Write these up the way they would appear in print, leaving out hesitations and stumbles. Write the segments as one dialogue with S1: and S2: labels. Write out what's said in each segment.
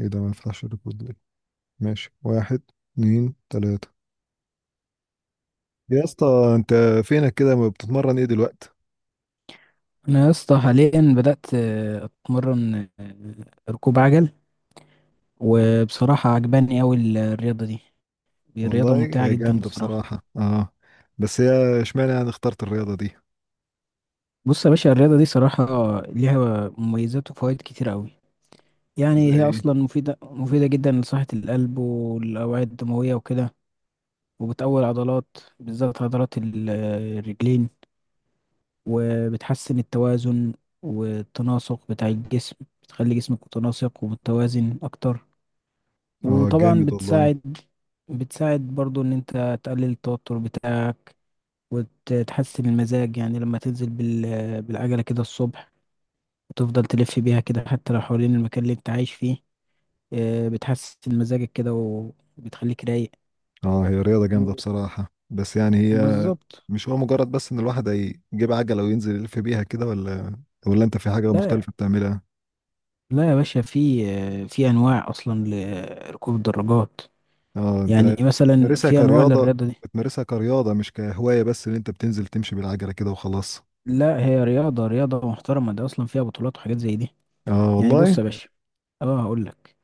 S1: ايه ده ما يفتحش الريكورد ليه؟ ماشي. واحد، اتنين، تلاتة. يا اسطى، انت فينك كده؟ ما بتتمرن ايه دلوقتي؟
S2: انا يا اسطى حاليا بدات اتمرن ركوب عجل. وبصراحه عجباني اوي الرياضه دي. دي رياضه
S1: والله
S2: ممتعه
S1: هي
S2: جدا
S1: جامدة
S2: بصراحه.
S1: بصراحة، اه. بس هي اشمعنى يعني اخترت الرياضة دي؟
S2: بص يا باشا، الرياضه دي صراحه ليها مميزات وفوائد كتير اوي.
S1: زي
S2: يعني هي
S1: ايه؟
S2: اصلا مفيده مفيده جدا لصحه القلب والاوعيه الدمويه وكده. وبتقوي العضلات، بالذات عضلات الرجلين. وبتحسن التوازن والتناسق بتاع الجسم. بتخلي جسمك متناسق ومتوازن اكتر.
S1: اه،
S2: وطبعا
S1: جامد والله.
S2: بتساعد. بتساعد برضو ان انت تقلل التوتر بتاعك، وتحسن المزاج. يعني لما تنزل بالعجلة كده الصبح وتفضل تلف بيها كده حتى لو حوالين المكان اللي انت عايش فيه، بتحسن مزاجك كده وبتخليك رايق.
S1: اه، هي رياضة جامدة
S2: و-
S1: بصراحة، بس يعني هي
S2: بالظبط.
S1: مش هو مجرد بس ان الواحد يجيب عجلة وينزل يلف بيها كده، ولا انت في حاجة
S2: لا،
S1: مختلفة بتعملها؟
S2: لا يا باشا، في انواع اصلا لركوب الدراجات.
S1: اه،
S2: يعني
S1: انت
S2: مثلا
S1: بتمارسها
S2: في انواع
S1: كرياضة
S2: للرياضة دي.
S1: بتمارسها كرياضة مش كهواية، بس ان انت بتنزل تمشي بالعجلة كده وخلاص؟
S2: لا، هي رياضة رياضة محترمة، ده اصلا فيها بطولات وحاجات زي دي.
S1: اه
S2: يعني بص
S1: والله.
S2: يا باشا، اه هقول لك.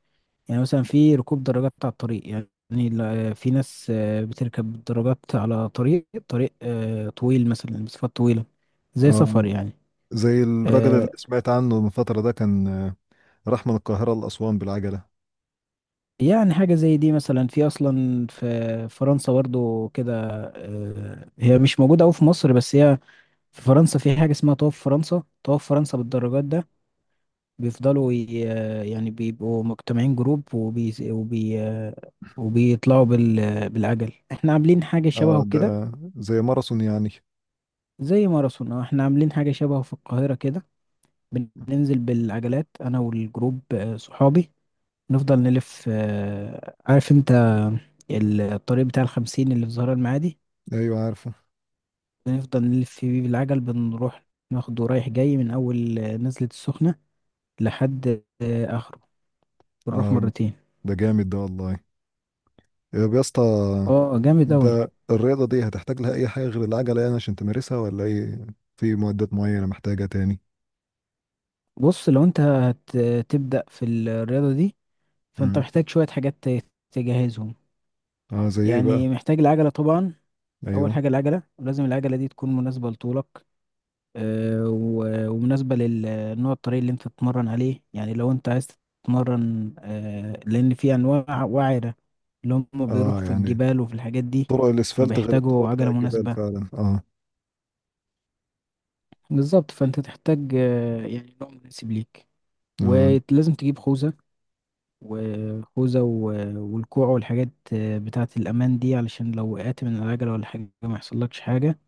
S2: يعني مثلا في ركوب دراجات على الطريق، يعني في ناس بتركب دراجات على طريق طويل، مثلا مسافات طويلة، زي
S1: اه،
S2: سفر يعني.
S1: زي الراجل اللي
S2: آه،
S1: سمعت عنه من فترة ده كان، راح من القاهرة لأسوان بالعجلة.
S2: يعني حاجة زي دي مثلا، أصلا في فرنسا برضو كده. هي مش موجودة أوي في مصر، بس هي في فرنسا في حاجة اسمها طواف فرنسا، طواف فرنسا بالدراجات ده. بيفضلوا يعني بيبقوا مجتمعين جروب، وبيطلعوا بالعجل. احنا عاملين حاجة
S1: اه،
S2: شبهه كده،
S1: ده زي ماراثون يعني.
S2: زي ماراثون. احنا عاملين حاجة شبهه في القاهرة كده. بننزل بالعجلات انا والجروب، صحابي، نفضل نلف. عارف انت الطريق بتاع الخمسين اللي في زهراء المعادي؟
S1: ايوه، عارفه.
S2: بنفضل نلف فيه بالعجل، بنروح ناخده رايح جاي من أول نزلة السخنة لحد آخره. بنروح
S1: اه،
S2: مرتين.
S1: ده جامد ده والله. طب يا اسطى،
S2: اه، جامد أوي.
S1: انت الرياضة دي هتحتاج لها اي حاجة غير العجلة يعني عشان تمارسها، ولا ايه؟ في معدات معينة محتاجة تاني؟
S2: بص، لو انت هتبدأ في الرياضة دي فانت
S1: امم
S2: محتاج شوية حاجات تجهزهم.
S1: اه، زي ايه بقى؟
S2: يعني محتاج العجلة طبعا. اول
S1: ايوه.
S2: حاجه العجله، ولازم العجله دي تكون مناسبه لطولك، ومناسبه للنوع الطريق اللي انت تتمرن عليه. يعني لو انت عايز تتمرن، لان في انواع وعره، اللي هم
S1: اه
S2: بيروحوا في
S1: يعني،
S2: الجبال وفي الحاجات دي،
S1: طرق الاسفلت غير الطرق
S2: فبيحتاجوا
S1: بتاع
S2: عجله
S1: الجبال
S2: مناسبه.
S1: فعلا، اه.
S2: بالظبط، فانت تحتاج يعني نوع مناسب ليك.
S1: اه.
S2: ولازم تجيب خوذه. والكوع والحاجات بتاعه الامان دي، علشان لو وقعت من العجله ولا حاجه ما يحصلكش حاجه.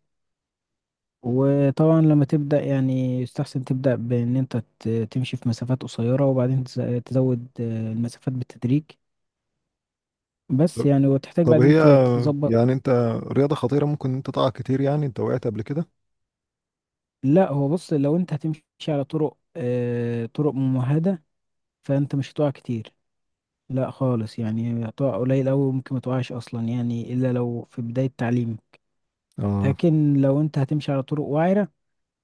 S2: وطبعا لما تبدأ يعني يستحسن تبدأ بإن أنت تمشي في مسافات قصيرة، وبعدين تزود المسافات بالتدريج. بس
S1: طب
S2: يعني، وتحتاج
S1: طب هي
S2: بعدين تظبط.
S1: يعني انت، رياضة خطيرة ممكن انت تقع كتير، يعني انت وقعت قبل كده؟
S2: لا، هو بص، لو أنت هتمشي على طرق ممهدة، فأنت مش هتقع كتير. لا خالص، يعني هتقع قليل أوي، ممكن متقعش أصلا يعني، إلا لو في بداية تعليم.
S1: اه
S2: لكن لو أنت هتمشي على طرق وعرة،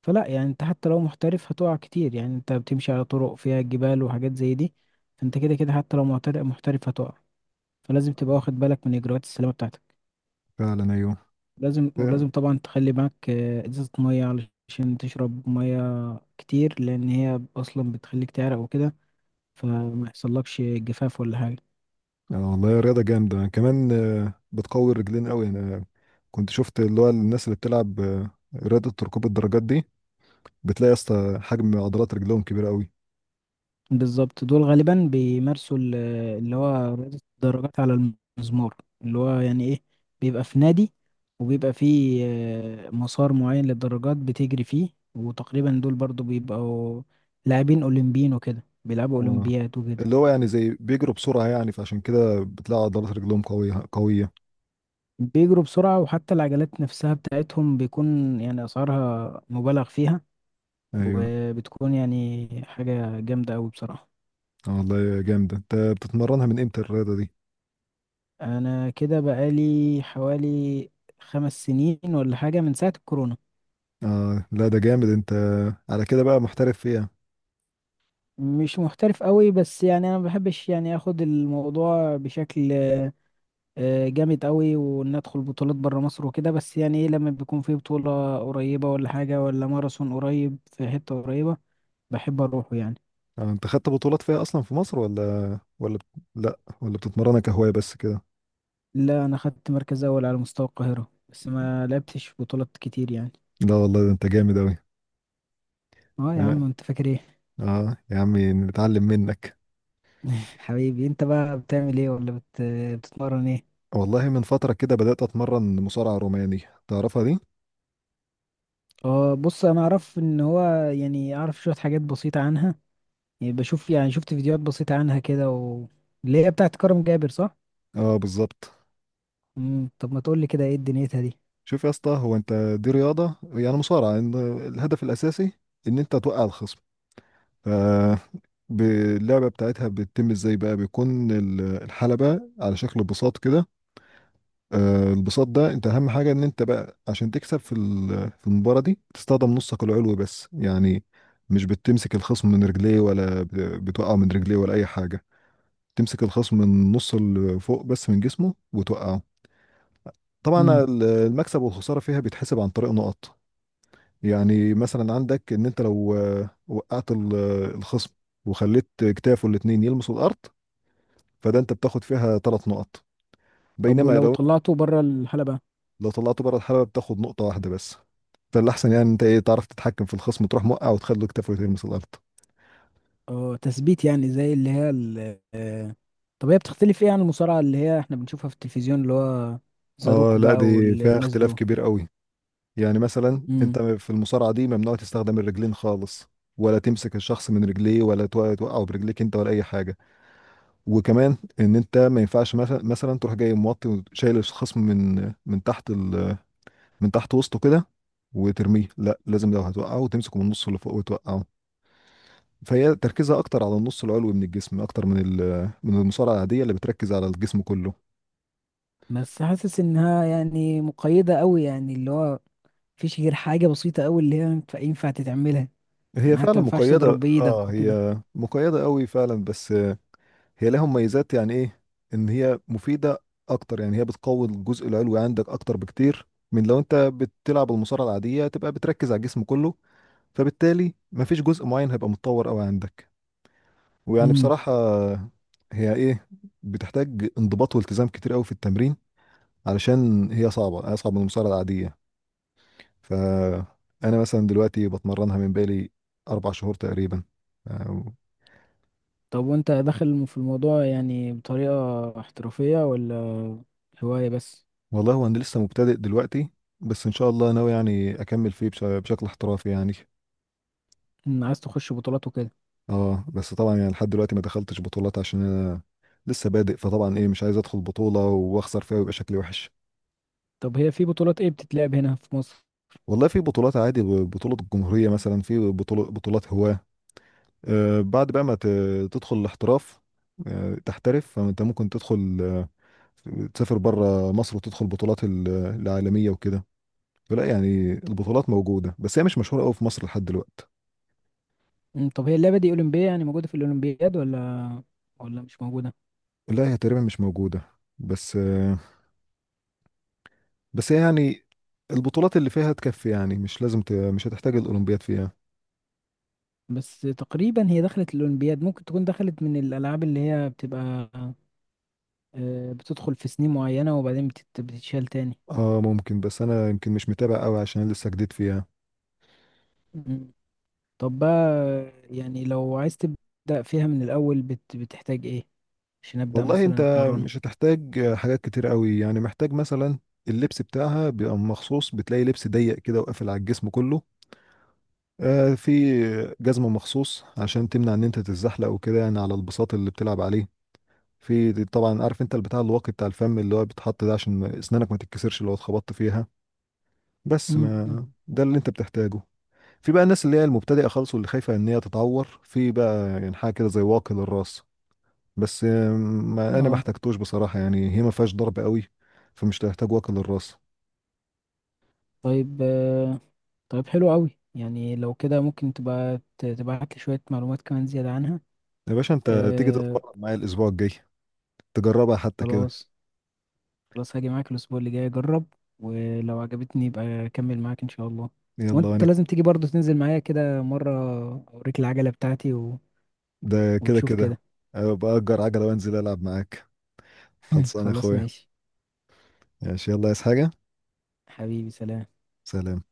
S2: فلا، يعني انت حتى لو محترف هتقع كتير. يعني انت بتمشي على طرق فيها جبال وحاجات زي دي، فانت كده كده حتى لو محترف محترف هتقع. فلازم تبقى واخد بالك من اجراءات السلامة بتاعتك.
S1: فعلا، ايوه،
S2: لازم،
S1: ف-
S2: ولازم طبعا تخلي معاك ازازة مية علشان تشرب مية كتير، لان هي اصلا بتخليك تعرق وكده، فما يحصلكش جفاف ولا حاجة.
S1: اه والله، رياضة جامدة كمان، بتقوي الرجلين قوي. انا كنت شفت اللي هو الناس اللي بتلعب رياضة ركوب الدراجات دي، بتلاقي يا اسطى حجم عضلات رجلهم كبير قوي.
S2: بالظبط، دول غالبا بيمارسوا اللي هو رياضة الدراجات على المزمار، اللي هو يعني ايه، بيبقى في نادي وبيبقى فيه مسار معين للدراجات بتجري فيه. وتقريبا دول برضو بيبقوا لاعبين أولمبيين وكده، بيلعبوا
S1: اه،
S2: أولمبياد وكده.
S1: اللي هو يعني زي بيجروا بسرعة يعني فعشان كده بتلاقي عضلات رجلهم قوية قوية.
S2: بيجروا بسرعة، وحتى العجلات نفسها بتاعتهم بيكون يعني أسعارها مبالغ فيها،
S1: ايوه.
S2: وبتكون يعني حاجة جامدة أوي بصراحة.
S1: اه والله، جامدة. انت بتتمرنها من امتى الرياضة دي؟
S2: انا كده بقالي حوالي 5 سنين ولا حاجة، من ساعة الكورونا.
S1: اه، لا ده جامد. انت على كده بقى محترف فيها.
S2: مش محترف قوي، بس يعني انا ما بحبش يعني اخد الموضوع بشكل جامد قوي، وان ادخل بطولات بره مصر وكده. بس يعني ايه، لما بيكون في بطولة قريبة ولا حاجة، ولا ماراثون قريب في حتة قريبة، بحب اروحه يعني.
S1: آه، انت خدت بطولات فيها اصلا في مصر، ولا لا، ولا بتتمرنها كهواية بس كده؟
S2: لا، انا خدت مركز اول على مستوى القاهرة، بس ما لعبتش بطولات كتير يعني.
S1: لا والله، ده انت جامد اوي.
S2: اه يا
S1: اه،
S2: عم، انت فاكر ايه؟
S1: يا عمي نتعلم منك.
S2: حبيبي، انت بقى بتعمل ايه، ولا بتتمرن ايه؟
S1: والله من فترة كده بدأت اتمرن مصارعة روماني. تعرفها دي؟
S2: اه، بص انا اعرف ان هو، يعني اعرف شويه حاجات بسيطه عنها. يعني يعني شفت فيديوهات بسيطه عنها كده، اللي هي بتاعت كرم جابر، صح؟
S1: اه، بالظبط.
S2: طب ما تقول لي كده، ايه دنيتها دي؟
S1: شوف يا اسطى، هو انت دي رياضة يعني مصارعة، إن الهدف الاساسي ان انت توقع الخصم. ف- ب- اللعبة بتاعتها بتتم ازاي بقى؟ بيكون الحلبة على شكل بساط كده. البساط ده، انت اهم حاجه ان انت بقى عشان تكسب في المباراه دي تستخدم نصك العلوي بس يعني. مش بتمسك الخصم من رجليه، ولا بتوقعه من رجليه ولا اي حاجه. تمسك الخصم من نص اللي فوق بس من جسمه وتوقعه. طبعا
S2: امم
S1: المكسب والخساره فيها بيتحسب عن طريق نقط. يعني مثلا عندك ان انت لو وقعت الخصم وخليت كتافه الاتنين يلمسوا الارض، فده انت بتاخد فيها 3 نقط.
S2: طب،
S1: بينما
S2: ولو
S1: لو،
S2: طلعته بره الحلبة؟
S1: لو طلعته بره الحلبه بتاخد نقطه واحده بس. فالاحسن يعني انت ايه، تعرف تتحكم في الخصم تروح موقع وتخليه كتفه يلمس الارض.
S2: اه، تثبيت يعني، زي اللي هي طب هي بتختلف ايه عن المصارعة اللي هي احنا بنشوفها في التلفزيون، اللي هو
S1: اه
S2: زاروك
S1: لا،
S2: بقى
S1: دي فيها
S2: والناس
S1: اختلاف
S2: دول؟
S1: كبير قوي. يعني مثلا انت
S2: امم
S1: في المصارعه دي ممنوع تستخدم الرجلين خالص. ولا تمسك الشخص من رجليه، ولا توقعه برجليك انت ولا اي حاجه. وكمان ان انت ما ينفعش مثلا تروح جاي موطي وشايل الخصم من تحت من تحت وسطه كده وترميه. لا، لازم لو هتوقعه تمسكه من النص اللي فوق وتوقعه. فهي تركيزها اكتر على النص العلوي من الجسم، اكتر من المصارعه العاديه اللي بتركز على الجسم كله.
S2: بس حاسس انها يعني مقيدة قوي، يعني اللي هو مفيش غير حاجة بسيطة قوي اللي هي ينفع تتعملها.
S1: هي
S2: يعني حتى ما
S1: فعلا
S2: ينفعش
S1: مقيدة،
S2: تضرب
S1: اه،
S2: بإيدك وكده.
S1: هي مقيدة قوي فعلا، بس هي لها مميزات، يعني ايه، ان هي مفيدة اكتر. يعني هي بتقوي الجزء العلوي عندك اكتر بكتير من لو انت بتلعب المصارعة العادية تبقى بتركز على الجسم كله. فبالتالي مفيش جزء معين هيبقى متطور قوي عندك. ويعني
S2: امم
S1: بصراحة، هي ايه، بتحتاج انضباط والتزام كتير قوي في التمرين، علشان هي صعبة، اصعب من المصارعة العادية. فانا مثلا دلوقتي بتمرنها من بالي 4 شهور تقريبا، آه،
S2: طب وانت داخل في الموضوع يعني بطريقة احترافية، ولا هواية بس؟
S1: والله هو انا لسه مبتدئ دلوقتي. بس ان شاء الله ناوي يعني اكمل فيه بشكل احترافي يعني.
S2: عايز تخش بطولات وكده؟
S1: اه، بس طبعا يعني لحد دلوقتي ما دخلتش بطولات عشان انا لسه بادئ، فطبعا ايه، مش عايز ادخل بطولة واخسر فيها ويبقى شكلي وحش.
S2: طب هي في بطولات ايه بتتلعب هنا في مصر؟
S1: والله في بطولات عادي. بطولة الجمهورية مثلا، في بطولة، بطولات هواة. آه، بعد بقى ما تدخل الاحتراف، آه تحترف، فانت ممكن تدخل، تسافر بره مصر وتدخل بطولات العالمية وكده. فلا يعني البطولات موجودة، بس هي مش مشهورة قوي في مصر لحد دلوقتي.
S2: طب، هي اللعبة دي أولمبية، يعني موجودة في الأولمبياد، ولا مش موجودة؟
S1: لا، هي تقريبا مش موجودة. بس آه، بس هي يعني البطولات اللي فيها تكفي، يعني مش لازم مش هتحتاج الأولمبياد فيها.
S2: بس تقريبا هي دخلت الأولمبياد، ممكن تكون دخلت من الألعاب اللي هي بتبقى بتدخل في سنين معينة وبعدين بتتشال تاني.
S1: اه ممكن، بس انا يمكن مش متابع قوي عشان لسه جديد فيها.
S2: امم، طب بقى، يعني لو عايز تبدأ فيها من الأول بتحتاج ايه عشان ابدا
S1: والله انت
S2: مثلا اتمرن؟
S1: مش هتحتاج حاجات كتير قوي، يعني محتاج مثلا اللبس بتاعها بيبقى مخصوص، بتلاقي لبس ضيق كده وقافل على الجسم كله. آه، في جزمة مخصوص عشان تمنع ان انت تتزحلق وكده، يعني على البساط اللي بتلعب عليه. في طبعا، عارف انت البتاع الواقي بتاع الفم اللي هو بيتحط ده، عشان اسنانك ما تتكسرش لو اتخبطت فيها. بس
S2: مم.
S1: ما ده اللي انت بتحتاجه. في بقى الناس اللي هي المبتدئه خالص واللي خايفه ان هي تتعور، في بقى يعني حاجه كده زي واقي للراس. بس ما انا ما
S2: اه،
S1: احتاجتوش بصراحه، يعني هي ما فيهاش ضرب قوي. فمش هتحتاج واقي للراس.
S2: طيب. طيب، حلو قوي. يعني لو كده ممكن تبقى تبعت لي شويه معلومات كمان زياده عنها.
S1: يا باشا، انت تيجي
S2: آه،
S1: تتمرن معايا الاسبوع الجاي، تجربها حتى كده.
S2: خلاص. خلاص هاجي معاك الاسبوع اللي جاي اجرب، ولو عجبتني يبقى اكمل معاك ان شاء الله.
S1: يلا،
S2: وانت
S1: وانا
S2: لازم تيجي برضه تنزل معايا كده مره، اوريك العجله بتاعتي و...
S1: ده كده
S2: وتشوف
S1: كده.
S2: كده.
S1: أبقى اجر عجله وانزل العب معاك. خلصان يا
S2: خلاص،
S1: اخويا.
S2: ماشي.
S1: ماشي، يلا، عايز حاجه؟
S2: حبيبي، سلام.
S1: سلام.